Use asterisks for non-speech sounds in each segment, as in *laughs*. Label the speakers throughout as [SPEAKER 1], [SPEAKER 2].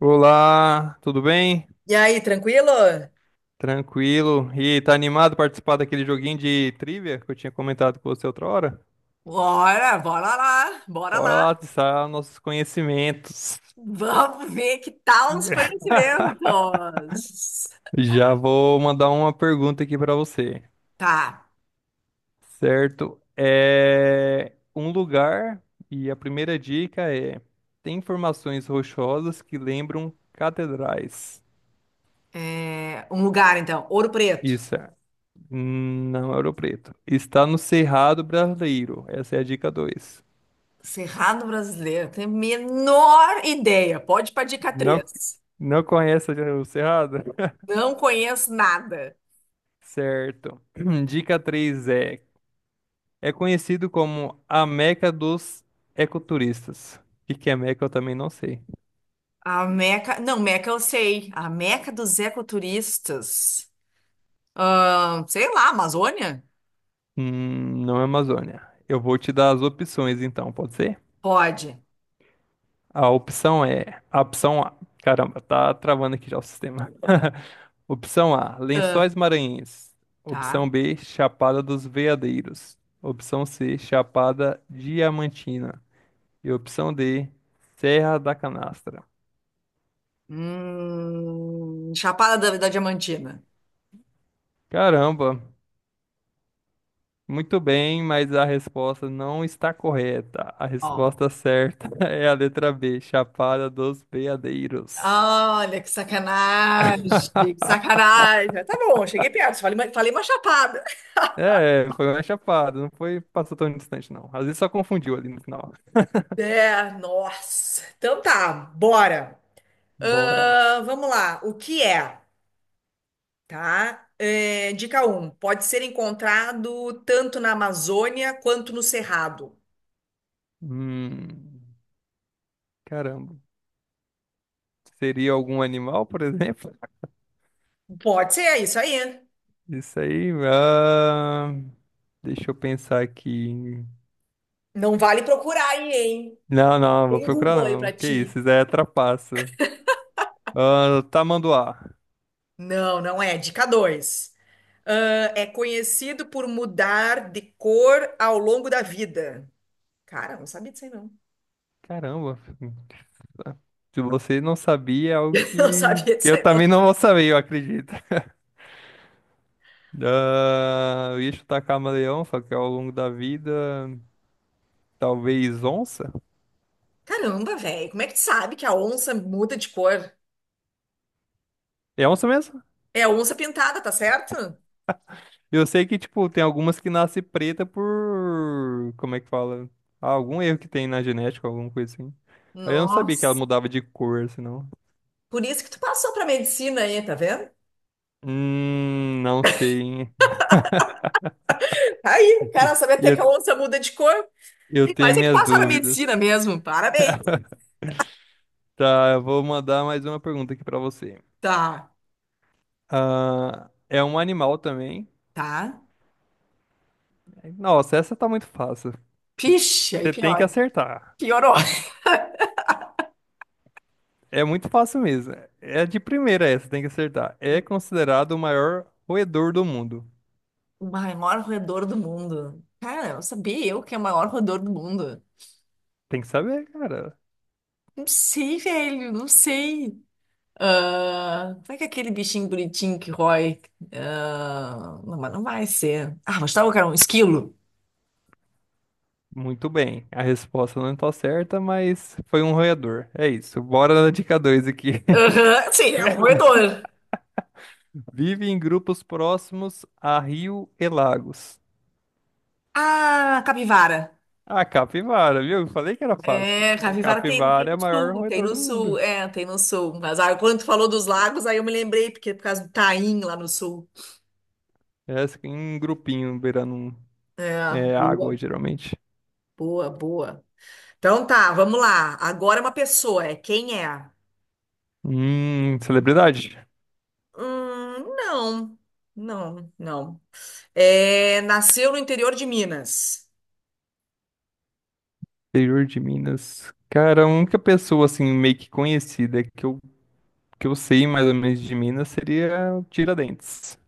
[SPEAKER 1] Olá, tudo bem?
[SPEAKER 2] E aí, tranquilo?
[SPEAKER 1] Tranquilo? E tá animado para participar daquele joguinho de trivia que eu tinha comentado com você outra hora?
[SPEAKER 2] Bora, bora lá, bora
[SPEAKER 1] Bora lá
[SPEAKER 2] lá.
[SPEAKER 1] testar nossos conhecimentos.
[SPEAKER 2] Vamos ver que tal os
[SPEAKER 1] *laughs*
[SPEAKER 2] conhecimentos.
[SPEAKER 1] Já vou mandar uma pergunta aqui para você,
[SPEAKER 2] Tá,
[SPEAKER 1] certo? É um lugar e a primeira dica é: tem formações rochosas que lembram catedrais.
[SPEAKER 2] é, um lugar então, Ouro Preto,
[SPEAKER 1] Isso, é. Não é Ouro Preto. Está no Cerrado Brasileiro. Essa é a dica 2.
[SPEAKER 2] Cerrado Brasileiro, tenho a menor ideia. Pode ir para dica
[SPEAKER 1] Não,
[SPEAKER 2] 3.
[SPEAKER 1] não conhece o Cerrado?
[SPEAKER 2] Não conheço nada.
[SPEAKER 1] Certo. *clears throat* Dica 3 é: é conhecido como a Meca dos ecoturistas. O que que é Meca eu também não sei.
[SPEAKER 2] A Meca, não, Meca eu sei. A Meca dos ecoturistas. Sei lá, Amazônia?
[SPEAKER 1] Não é Amazônia. Eu vou te dar as opções então, pode ser?
[SPEAKER 2] Pode.
[SPEAKER 1] A opção é: a opção A. Caramba, tá travando aqui já o sistema. *laughs* Opção A:
[SPEAKER 2] Ah,
[SPEAKER 1] Lençóis Maranhenses. Opção
[SPEAKER 2] tá.
[SPEAKER 1] B: Chapada dos Veadeiros. Opção C: Chapada Diamantina. E opção D, Serra da Canastra.
[SPEAKER 2] Chapada da Diamantina.
[SPEAKER 1] Caramba, muito bem, mas a resposta não está correta. A
[SPEAKER 2] Ó,
[SPEAKER 1] resposta certa *laughs* é a letra B, Chapada dos Veadeiros.
[SPEAKER 2] olha, que sacanagem, que
[SPEAKER 1] *laughs*
[SPEAKER 2] sacanagem. Tá bom, cheguei perto, falei, falei uma chapada.
[SPEAKER 1] É, foi uma chapada, não foi, passou tão distante, não. Às vezes só confundiu ali no final. *laughs*
[SPEAKER 2] É, nossa. Então tá, bora.
[SPEAKER 1] Bora.
[SPEAKER 2] Vamos lá, o que é, tá? É, dica um. Pode ser encontrado tanto na Amazônia quanto no Cerrado.
[SPEAKER 1] Hum, Caramba. Seria algum animal, por *laughs* exemplo?
[SPEAKER 2] Pode ser, é isso aí.
[SPEAKER 1] Isso aí. Deixa eu pensar aqui.
[SPEAKER 2] Não vale procurar aí, hein?
[SPEAKER 1] Não, não, vou
[SPEAKER 2] Tem
[SPEAKER 1] procurar
[SPEAKER 2] Google aí
[SPEAKER 1] não.
[SPEAKER 2] pra
[SPEAKER 1] Que
[SPEAKER 2] ti.
[SPEAKER 1] isso é trapaça. Ah, tamanduá.
[SPEAKER 2] Não, não é. Dica 2. É conhecido por mudar de cor ao longo da vida. Cara, não sabia disso aí, não. *laughs*
[SPEAKER 1] Caramba. Se você não sabia, é algo
[SPEAKER 2] Não
[SPEAKER 1] que,
[SPEAKER 2] sabia
[SPEAKER 1] que
[SPEAKER 2] disso
[SPEAKER 1] eu
[SPEAKER 2] aí, não.
[SPEAKER 1] também não vou saber, eu acredito. Ah, eu ia chutar camaleão, só que ao longo da vida, talvez onça.
[SPEAKER 2] Caramba, velho, como é que tu sabe que a onça muda de cor?
[SPEAKER 1] É onça mesmo?
[SPEAKER 2] É a onça pintada, tá certo?
[SPEAKER 1] Eu sei que, tipo, tem algumas que nascem preta por... Como é que fala? Ah, algum erro que tem na genética, alguma coisa assim. Mas eu não sabia que ela
[SPEAKER 2] Nossa,
[SPEAKER 1] mudava de cor, assim, não.
[SPEAKER 2] por isso que tu passou pra medicina aí, tá vendo?
[SPEAKER 1] Não sei, hein?
[SPEAKER 2] Aí, o cara sabe
[SPEAKER 1] *laughs*
[SPEAKER 2] até
[SPEAKER 1] Ia
[SPEAKER 2] que a onça muda de cor.
[SPEAKER 1] Eu
[SPEAKER 2] Tem
[SPEAKER 1] tenho
[SPEAKER 2] quase que
[SPEAKER 1] minhas
[SPEAKER 2] passar na medicina
[SPEAKER 1] dúvidas.
[SPEAKER 2] mesmo, parabéns.
[SPEAKER 1] Tá, eu vou mandar mais uma pergunta aqui pra você.
[SPEAKER 2] Tá,
[SPEAKER 1] Ah, é um animal também.
[SPEAKER 2] tá.
[SPEAKER 1] Nossa, essa tá muito fácil.
[SPEAKER 2] Pixe, aí
[SPEAKER 1] Você tem que
[SPEAKER 2] pior.
[SPEAKER 1] acertar.
[SPEAKER 2] Piorou.
[SPEAKER 1] É muito fácil mesmo. É de primeira essa, tem que acertar. É considerado o maior roedor do mundo.
[SPEAKER 2] O maior roedor do mundo. Cara, eu sabia eu que é o maior roedor do mundo.
[SPEAKER 1] Tem que saber, cara.
[SPEAKER 2] Não sei, velho, não sei. Ah, como é que é aquele bichinho bonitinho que rói? Ah, não, mas não vai ser. Ah, mas tava, cara, um esquilo.
[SPEAKER 1] Muito bem. A resposta não tá certa, mas foi um roedor. É isso. Bora na dica 2 aqui. *laughs*
[SPEAKER 2] Aham, sim, é um roedor.
[SPEAKER 1] Vive em grupos próximos a rio e lagos.
[SPEAKER 2] Ah, capivara.
[SPEAKER 1] A capivara, viu? Falei que era fácil.
[SPEAKER 2] É,
[SPEAKER 1] A
[SPEAKER 2] capivara tem
[SPEAKER 1] capivara é
[SPEAKER 2] no
[SPEAKER 1] o maior
[SPEAKER 2] sul, tem
[SPEAKER 1] roedor
[SPEAKER 2] no
[SPEAKER 1] do
[SPEAKER 2] sul,
[SPEAKER 1] mundo.
[SPEAKER 2] é, tem no sul. Mas quando tu falou dos lagos, aí eu me lembrei, porque é por causa do Taim lá no sul.
[SPEAKER 1] Essa fica em grupinho, beirando
[SPEAKER 2] É,
[SPEAKER 1] é, água,
[SPEAKER 2] boa,
[SPEAKER 1] geralmente.
[SPEAKER 2] boa, boa. Então tá, vamos lá. Agora é uma pessoa, é quem é?
[SPEAKER 1] Celebridade.
[SPEAKER 2] Não, não, não. É, nasceu no interior de Minas.
[SPEAKER 1] Interior de Minas. Cara, a única pessoa, assim, meio que conhecida que eu sei mais ou menos de Minas seria o Tiradentes.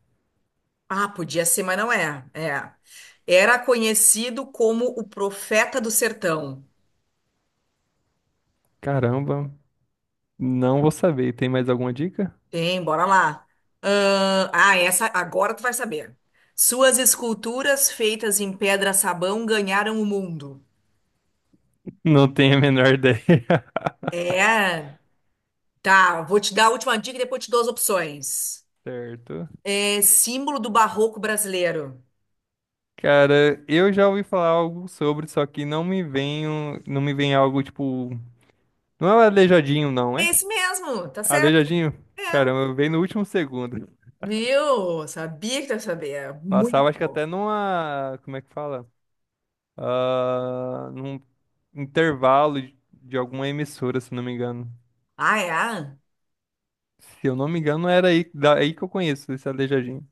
[SPEAKER 2] Ah, podia ser, mas não é. É. Era conhecido como o profeta do sertão.
[SPEAKER 1] Caramba, não vou saber. Tem mais alguma dica?
[SPEAKER 2] Tem, bora lá. Essa agora tu vai saber. Suas esculturas feitas em pedra sabão ganharam o mundo.
[SPEAKER 1] Não tenho a menor ideia. *laughs*
[SPEAKER 2] É, tá. Vou te dar a última dica e depois te dou as opções.
[SPEAKER 1] Certo.
[SPEAKER 2] É símbolo do barroco brasileiro.
[SPEAKER 1] Cara, eu já ouvi falar algo sobre, só que não me vem, não me vem algo tipo. Não é o Aleijadinho, não, é?
[SPEAKER 2] É esse mesmo, tá certo?
[SPEAKER 1] Aleijadinho?
[SPEAKER 2] É.
[SPEAKER 1] Caramba, veio no último segundo.
[SPEAKER 2] Viu? Sabia que tu ia saber. É
[SPEAKER 1] Passava, acho
[SPEAKER 2] muito.
[SPEAKER 1] que até numa. Como é que fala? Ah, num intervalo de alguma emissora, se não me engano.
[SPEAKER 2] Ah, é?
[SPEAKER 1] Se eu não me engano, era aí, daí que eu conheço esse Aleijadinho.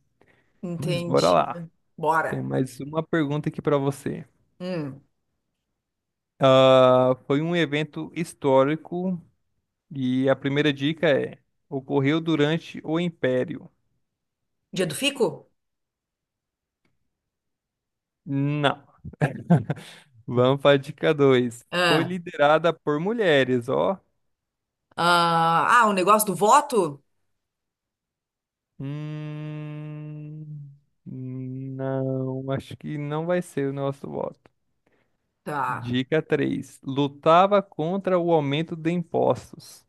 [SPEAKER 1] Mas bora
[SPEAKER 2] Entendi.
[SPEAKER 1] lá. Tem
[SPEAKER 2] Bora.
[SPEAKER 1] mais uma pergunta aqui pra você.
[SPEAKER 2] Hum.
[SPEAKER 1] Ah, foi um evento histórico e a primeira dica é: ocorreu durante o Império?
[SPEAKER 2] Dia do fico?
[SPEAKER 1] Não. Vamos para a dica 2. Foi
[SPEAKER 2] Ah,
[SPEAKER 1] liderada por mulheres, ó.
[SPEAKER 2] ah, o negócio do voto?
[SPEAKER 1] Hum, não, acho que não vai ser o nosso voto.
[SPEAKER 2] Tá.
[SPEAKER 1] Dica 3. Lutava contra o aumento de impostos.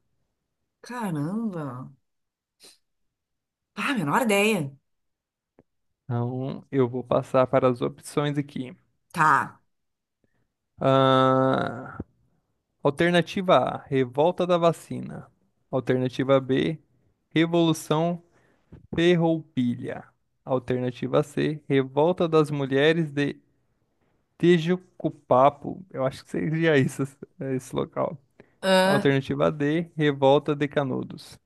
[SPEAKER 2] Caramba. Ah, menor ideia.
[SPEAKER 1] Então, eu vou passar para as opções aqui.
[SPEAKER 2] Tá.
[SPEAKER 1] Ah, alternativa A, revolta da vacina. Alternativa B, revolução ferroupilha. Alternativa C, revolta das mulheres de Tejucupapo, eu acho que seria isso, é esse local.
[SPEAKER 2] Ah,
[SPEAKER 1] Alternativa D, Revolta de Canudos.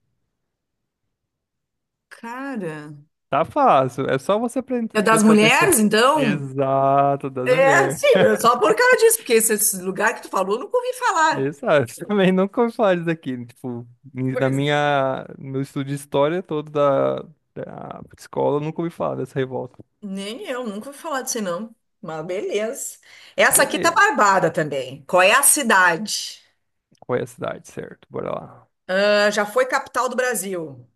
[SPEAKER 2] cara.
[SPEAKER 1] Tá fácil, é só você
[SPEAKER 2] É das
[SPEAKER 1] prestar atenção.
[SPEAKER 2] mulheres, então?
[SPEAKER 1] Exato, das
[SPEAKER 2] É,
[SPEAKER 1] mulheres.
[SPEAKER 2] sim, só por causa disso, porque esse lugar que tu falou, eu nunca ouvi falar.
[SPEAKER 1] Exato, *laughs* também nunca ouvi falar disso aqui. Tipo, na
[SPEAKER 2] Pois,
[SPEAKER 1] no meu estudo de história todo da escola, eu nunca ouvi falar dessa revolta.
[SPEAKER 2] nem eu, nunca ouvi falar disso, não. Mas beleza. Essa aqui tá
[SPEAKER 1] Beleza,
[SPEAKER 2] barbada também. Qual é a cidade?
[SPEAKER 1] qual é a cidade, certo? Bora lá.
[SPEAKER 2] Ah, já foi capital do Brasil.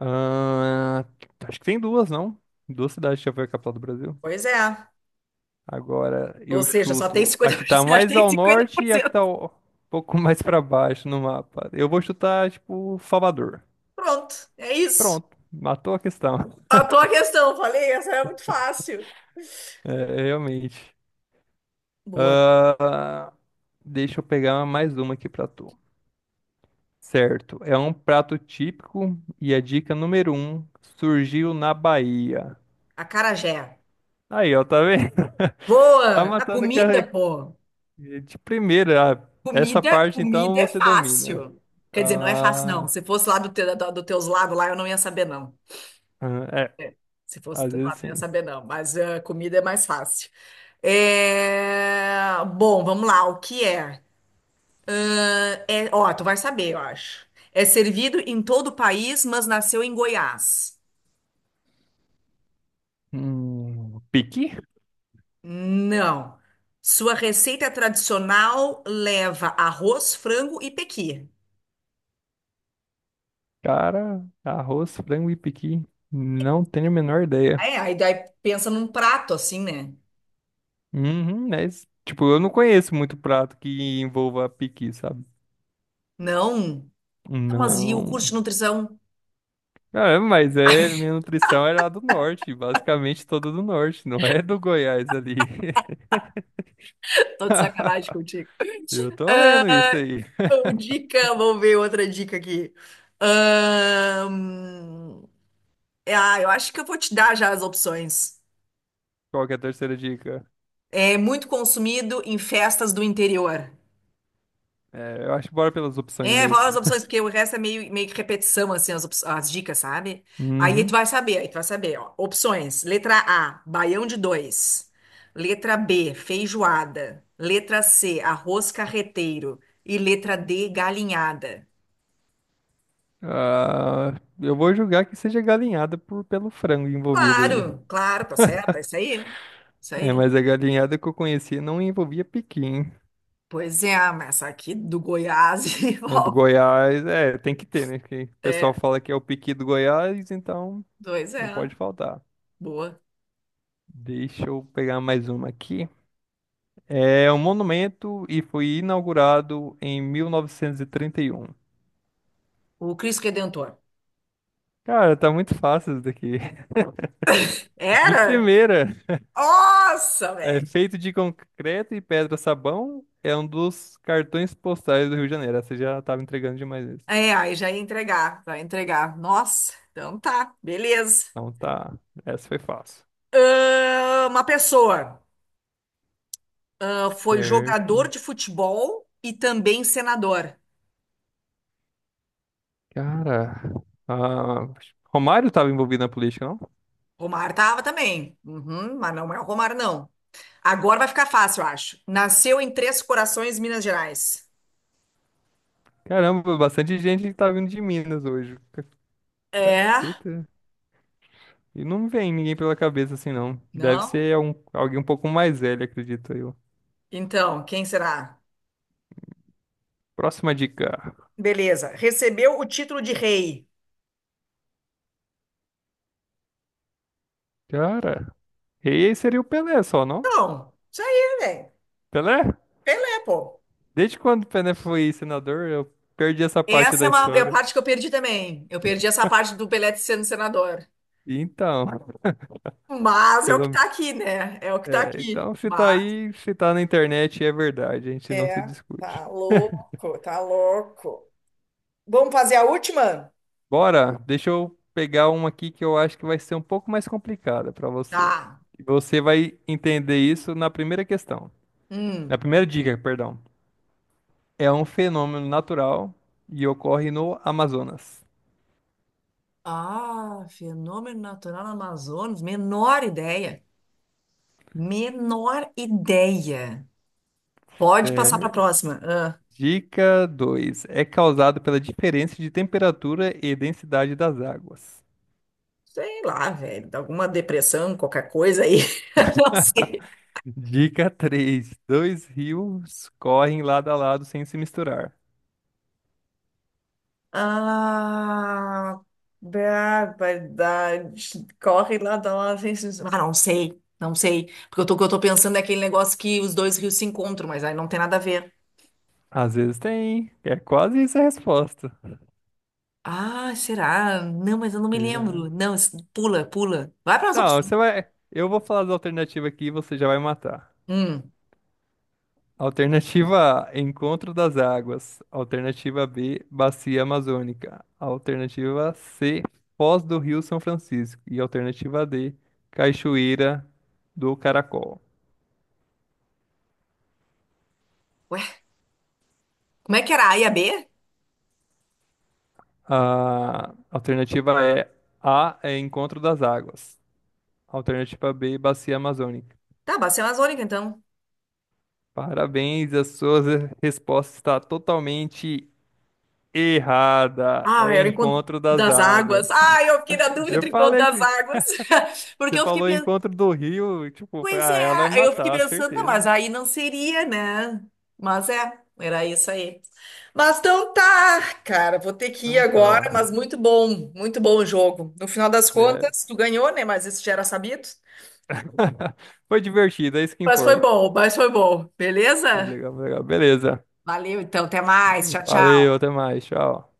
[SPEAKER 1] Ah, acho que tem duas, não? Duas cidades que já foi a capital do Brasil.
[SPEAKER 2] Pois é.
[SPEAKER 1] Agora
[SPEAKER 2] Ou
[SPEAKER 1] eu
[SPEAKER 2] seja, só tem
[SPEAKER 1] chuto a que tá
[SPEAKER 2] 50%. *laughs*
[SPEAKER 1] mais
[SPEAKER 2] Tem
[SPEAKER 1] ao
[SPEAKER 2] cinquenta
[SPEAKER 1] norte
[SPEAKER 2] por
[SPEAKER 1] e a que tá
[SPEAKER 2] cento.
[SPEAKER 1] um pouco *laughs* mais pra baixo no mapa. Eu vou chutar, tipo, Salvador.
[SPEAKER 2] Pronto, é isso.
[SPEAKER 1] Pronto, matou a questão. *laughs*
[SPEAKER 2] A tua questão, falei, essa é muito fácil.
[SPEAKER 1] É, realmente.
[SPEAKER 2] Boa.
[SPEAKER 1] Ah, deixa eu pegar mais uma aqui pra tu. Certo, é um prato típico e a dica número um surgiu na Bahia.
[SPEAKER 2] Acarajé.
[SPEAKER 1] Aí, ó, tá vendo? *laughs* Tá
[SPEAKER 2] Boa. A
[SPEAKER 1] matando que
[SPEAKER 2] comida,
[SPEAKER 1] a-
[SPEAKER 2] pô.
[SPEAKER 1] de primeira. Ah, essa
[SPEAKER 2] Comida,
[SPEAKER 1] parte, então,
[SPEAKER 2] comida é
[SPEAKER 1] você domina.
[SPEAKER 2] fácil. Quer dizer, não é fácil, não.
[SPEAKER 1] Ah,
[SPEAKER 2] Se fosse lá do teus lados lá, eu não ia saber, não.
[SPEAKER 1] é,
[SPEAKER 2] Se fosse
[SPEAKER 1] às
[SPEAKER 2] do
[SPEAKER 1] vezes
[SPEAKER 2] lado, não ia
[SPEAKER 1] sim.
[SPEAKER 2] saber, não. Mas comida é mais fácil. É, bom, vamos lá. O que é? Ah, ó, tu vai saber, eu acho. É servido em todo o país, mas nasceu em Goiás.
[SPEAKER 1] Piqui?
[SPEAKER 2] Não. Sua receita tradicional leva arroz, frango e pequi.
[SPEAKER 1] Cara, arroz, frango e piqui. Não tenho a menor ideia.
[SPEAKER 2] É, aí daí pensa num prato assim, né?
[SPEAKER 1] Uhum, é isso. Tipo, eu não conheço muito prato que envolva piqui, sabe?
[SPEAKER 2] Não. Mas e o
[SPEAKER 1] Não.
[SPEAKER 2] curso de nutrição?
[SPEAKER 1] Minha nutrição é lá do norte, basicamente toda do norte, não é do Goiás ali.
[SPEAKER 2] Tô de sacanagem
[SPEAKER 1] *laughs*
[SPEAKER 2] contigo.
[SPEAKER 1] Eu
[SPEAKER 2] *laughs*
[SPEAKER 1] tô vendo isso
[SPEAKER 2] Ah,
[SPEAKER 1] aí.
[SPEAKER 2] ô, vamos ver outra dica aqui. Ahn, Ah, eu acho que eu vou te dar já as opções.
[SPEAKER 1] Qual que é a terceira dica?
[SPEAKER 2] É muito consumido em festas do interior.
[SPEAKER 1] É, eu acho que bora pelas opções
[SPEAKER 2] É,
[SPEAKER 1] mesmo.
[SPEAKER 2] fala as opções, porque o resto é meio que repetição, assim, as dicas, sabe? Aí tu
[SPEAKER 1] Uhum.
[SPEAKER 2] vai saber, aí tu vai saber, ó. Opções. Letra A, baião de dois. Letra B, feijoada. Letra C, arroz carreteiro. E letra D, galinhada.
[SPEAKER 1] Ah, eu vou julgar que seja galinhada pelo frango envolvido aí.
[SPEAKER 2] Claro, claro, tá certo, é isso aí. Isso
[SPEAKER 1] É,
[SPEAKER 2] aí.
[SPEAKER 1] mas a galinhada que eu conheci não envolvia piqui, hein?
[SPEAKER 2] Pois é, mas essa aqui do Goiás *laughs*
[SPEAKER 1] É do
[SPEAKER 2] envolve.
[SPEAKER 1] Goiás, é, tem que ter, né? Porque o pessoal
[SPEAKER 2] É,
[SPEAKER 1] fala que é o piqui do Goiás, então
[SPEAKER 2] dois
[SPEAKER 1] não
[SPEAKER 2] é.
[SPEAKER 1] pode faltar.
[SPEAKER 2] Boa.
[SPEAKER 1] Deixa eu pegar mais uma aqui. É um monumento e foi inaugurado em 1931.
[SPEAKER 2] O Cristo Redentor.
[SPEAKER 1] Cara, tá muito fácil isso daqui. *laughs* De
[SPEAKER 2] Era?
[SPEAKER 1] primeira.
[SPEAKER 2] Nossa,
[SPEAKER 1] É
[SPEAKER 2] velho.
[SPEAKER 1] feito de concreto e pedra sabão. É um dos cartões postais do Rio de Janeiro. Essa já tava entregando demais isso.
[SPEAKER 2] É, aí já ia entregar, vai entregar. Nossa, então tá, beleza.
[SPEAKER 1] Então tá. Essa foi fácil.
[SPEAKER 2] Ah, uma pessoa foi jogador
[SPEAKER 1] Certo.
[SPEAKER 2] de futebol e também senador.
[SPEAKER 1] Cara. Ah, Romário tava envolvido na política, não?
[SPEAKER 2] Romar tava também, uhum, mas não é o Romar, não. Agora vai ficar fácil, eu acho. Nasceu em Três Corações, Minas Gerais.
[SPEAKER 1] Caramba, bastante gente que tá vindo de Minas hoje.
[SPEAKER 2] É?
[SPEAKER 1] Caceta. E não me vem ninguém pela cabeça assim, não. Deve
[SPEAKER 2] Não?
[SPEAKER 1] ser alguém um pouco mais velho, acredito eu.
[SPEAKER 2] Então, quem será?
[SPEAKER 1] Próxima dica.
[SPEAKER 2] Beleza. Recebeu o título de rei.
[SPEAKER 1] Cara. Rei seria o Pelé só, não?
[SPEAKER 2] Então, isso aí, velho.
[SPEAKER 1] Pelé?
[SPEAKER 2] Pelé, pô.
[SPEAKER 1] Desde quando o Pené foi senador, eu perdi essa parte
[SPEAKER 2] Essa
[SPEAKER 1] da
[SPEAKER 2] é a
[SPEAKER 1] história.
[SPEAKER 2] parte que eu perdi também. Eu perdi essa parte do Pelé sendo senador.
[SPEAKER 1] E Então,
[SPEAKER 2] Mas é o que
[SPEAKER 1] pelo...
[SPEAKER 2] tá aqui, né? É o que tá
[SPEAKER 1] é,
[SPEAKER 2] aqui.
[SPEAKER 1] então se tá
[SPEAKER 2] Mas,
[SPEAKER 1] aí, se tá na internet, é verdade, a gente não se
[SPEAKER 2] é,
[SPEAKER 1] discute.
[SPEAKER 2] tá louco, tá louco. Vamos fazer a última?
[SPEAKER 1] Bora, deixa eu pegar uma aqui que eu acho que vai ser um pouco mais complicada pra você.
[SPEAKER 2] Tá.
[SPEAKER 1] E você vai entender isso na primeira questão. Na
[SPEAKER 2] Hum.
[SPEAKER 1] primeira dica, perdão. É um fenômeno natural e ocorre no Amazonas.
[SPEAKER 2] Ah, fenômeno natural no Amazonas. Menor ideia. Menor ideia. Pode passar para a
[SPEAKER 1] É,
[SPEAKER 2] próxima. Ah.
[SPEAKER 1] Dica 2, é causado pela diferença de temperatura e densidade das águas.
[SPEAKER 2] Sei lá, velho, alguma depressão, qualquer coisa aí. *laughs* Não sei.
[SPEAKER 1] Dica 3: dois rios correm lado a lado sem se misturar.
[SPEAKER 2] Ah, barbaridade. Corre lá da lá. Vem se- Ah, não sei, não sei. Porque o que eu tô pensando é aquele negócio que os dois rios se encontram, mas aí não tem nada a ver.
[SPEAKER 1] Às vezes tem. É quase isso a resposta.
[SPEAKER 2] Ah, será? Não, mas eu não me
[SPEAKER 1] Será?
[SPEAKER 2] lembro. Não, pula, pula. Vai para as
[SPEAKER 1] Não,
[SPEAKER 2] opções.
[SPEAKER 1] você vai. Eu vou falar da alternativa aqui e você já vai matar.
[SPEAKER 2] Hum.
[SPEAKER 1] Alternativa A, Encontro das Águas. Alternativa B, Bacia Amazônica. Alternativa C, Foz do Rio São Francisco. E alternativa D, Cachoeira do Caracol.
[SPEAKER 2] Ué, como é que era? A e a B?
[SPEAKER 1] A alternativa é A, é Encontro das Águas. Alternativa B, Bacia Amazônica.
[SPEAKER 2] Tá, Bacia Amazônica, então.
[SPEAKER 1] Parabéns, a sua resposta está totalmente errada.
[SPEAKER 2] Ah,
[SPEAKER 1] É
[SPEAKER 2] era o encontro
[SPEAKER 1] Encontro das
[SPEAKER 2] das águas.
[SPEAKER 1] Águas.
[SPEAKER 2] Ah, eu fiquei na
[SPEAKER 1] *laughs*
[SPEAKER 2] dúvida
[SPEAKER 1] Eu
[SPEAKER 2] entre o encontro
[SPEAKER 1] falei
[SPEAKER 2] das
[SPEAKER 1] que
[SPEAKER 2] águas. *laughs*
[SPEAKER 1] você
[SPEAKER 2] Porque eu fiquei
[SPEAKER 1] falou
[SPEAKER 2] pensando.
[SPEAKER 1] Encontro do Rio, tipo,
[SPEAKER 2] Pois é,
[SPEAKER 1] ah, ela vai me
[SPEAKER 2] aí eu fiquei
[SPEAKER 1] matar,
[SPEAKER 2] pensando, não, mas
[SPEAKER 1] certeza.
[SPEAKER 2] aí não seria, né? Mas é, era isso aí. Mas então tá, cara, vou ter que ir
[SPEAKER 1] Então
[SPEAKER 2] agora,
[SPEAKER 1] tá.
[SPEAKER 2] mas muito bom o jogo. No final das
[SPEAKER 1] É.
[SPEAKER 2] contas, tu ganhou, né? Mas isso já era sabido.
[SPEAKER 1] *laughs* Foi divertido, é isso que importa.
[SPEAKER 2] Mas foi bom,
[SPEAKER 1] Foi
[SPEAKER 2] beleza?
[SPEAKER 1] legal, foi legal. Beleza.
[SPEAKER 2] Valeu, então, até mais. Tchau,
[SPEAKER 1] Valeu,
[SPEAKER 2] tchau.
[SPEAKER 1] até mais, tchau.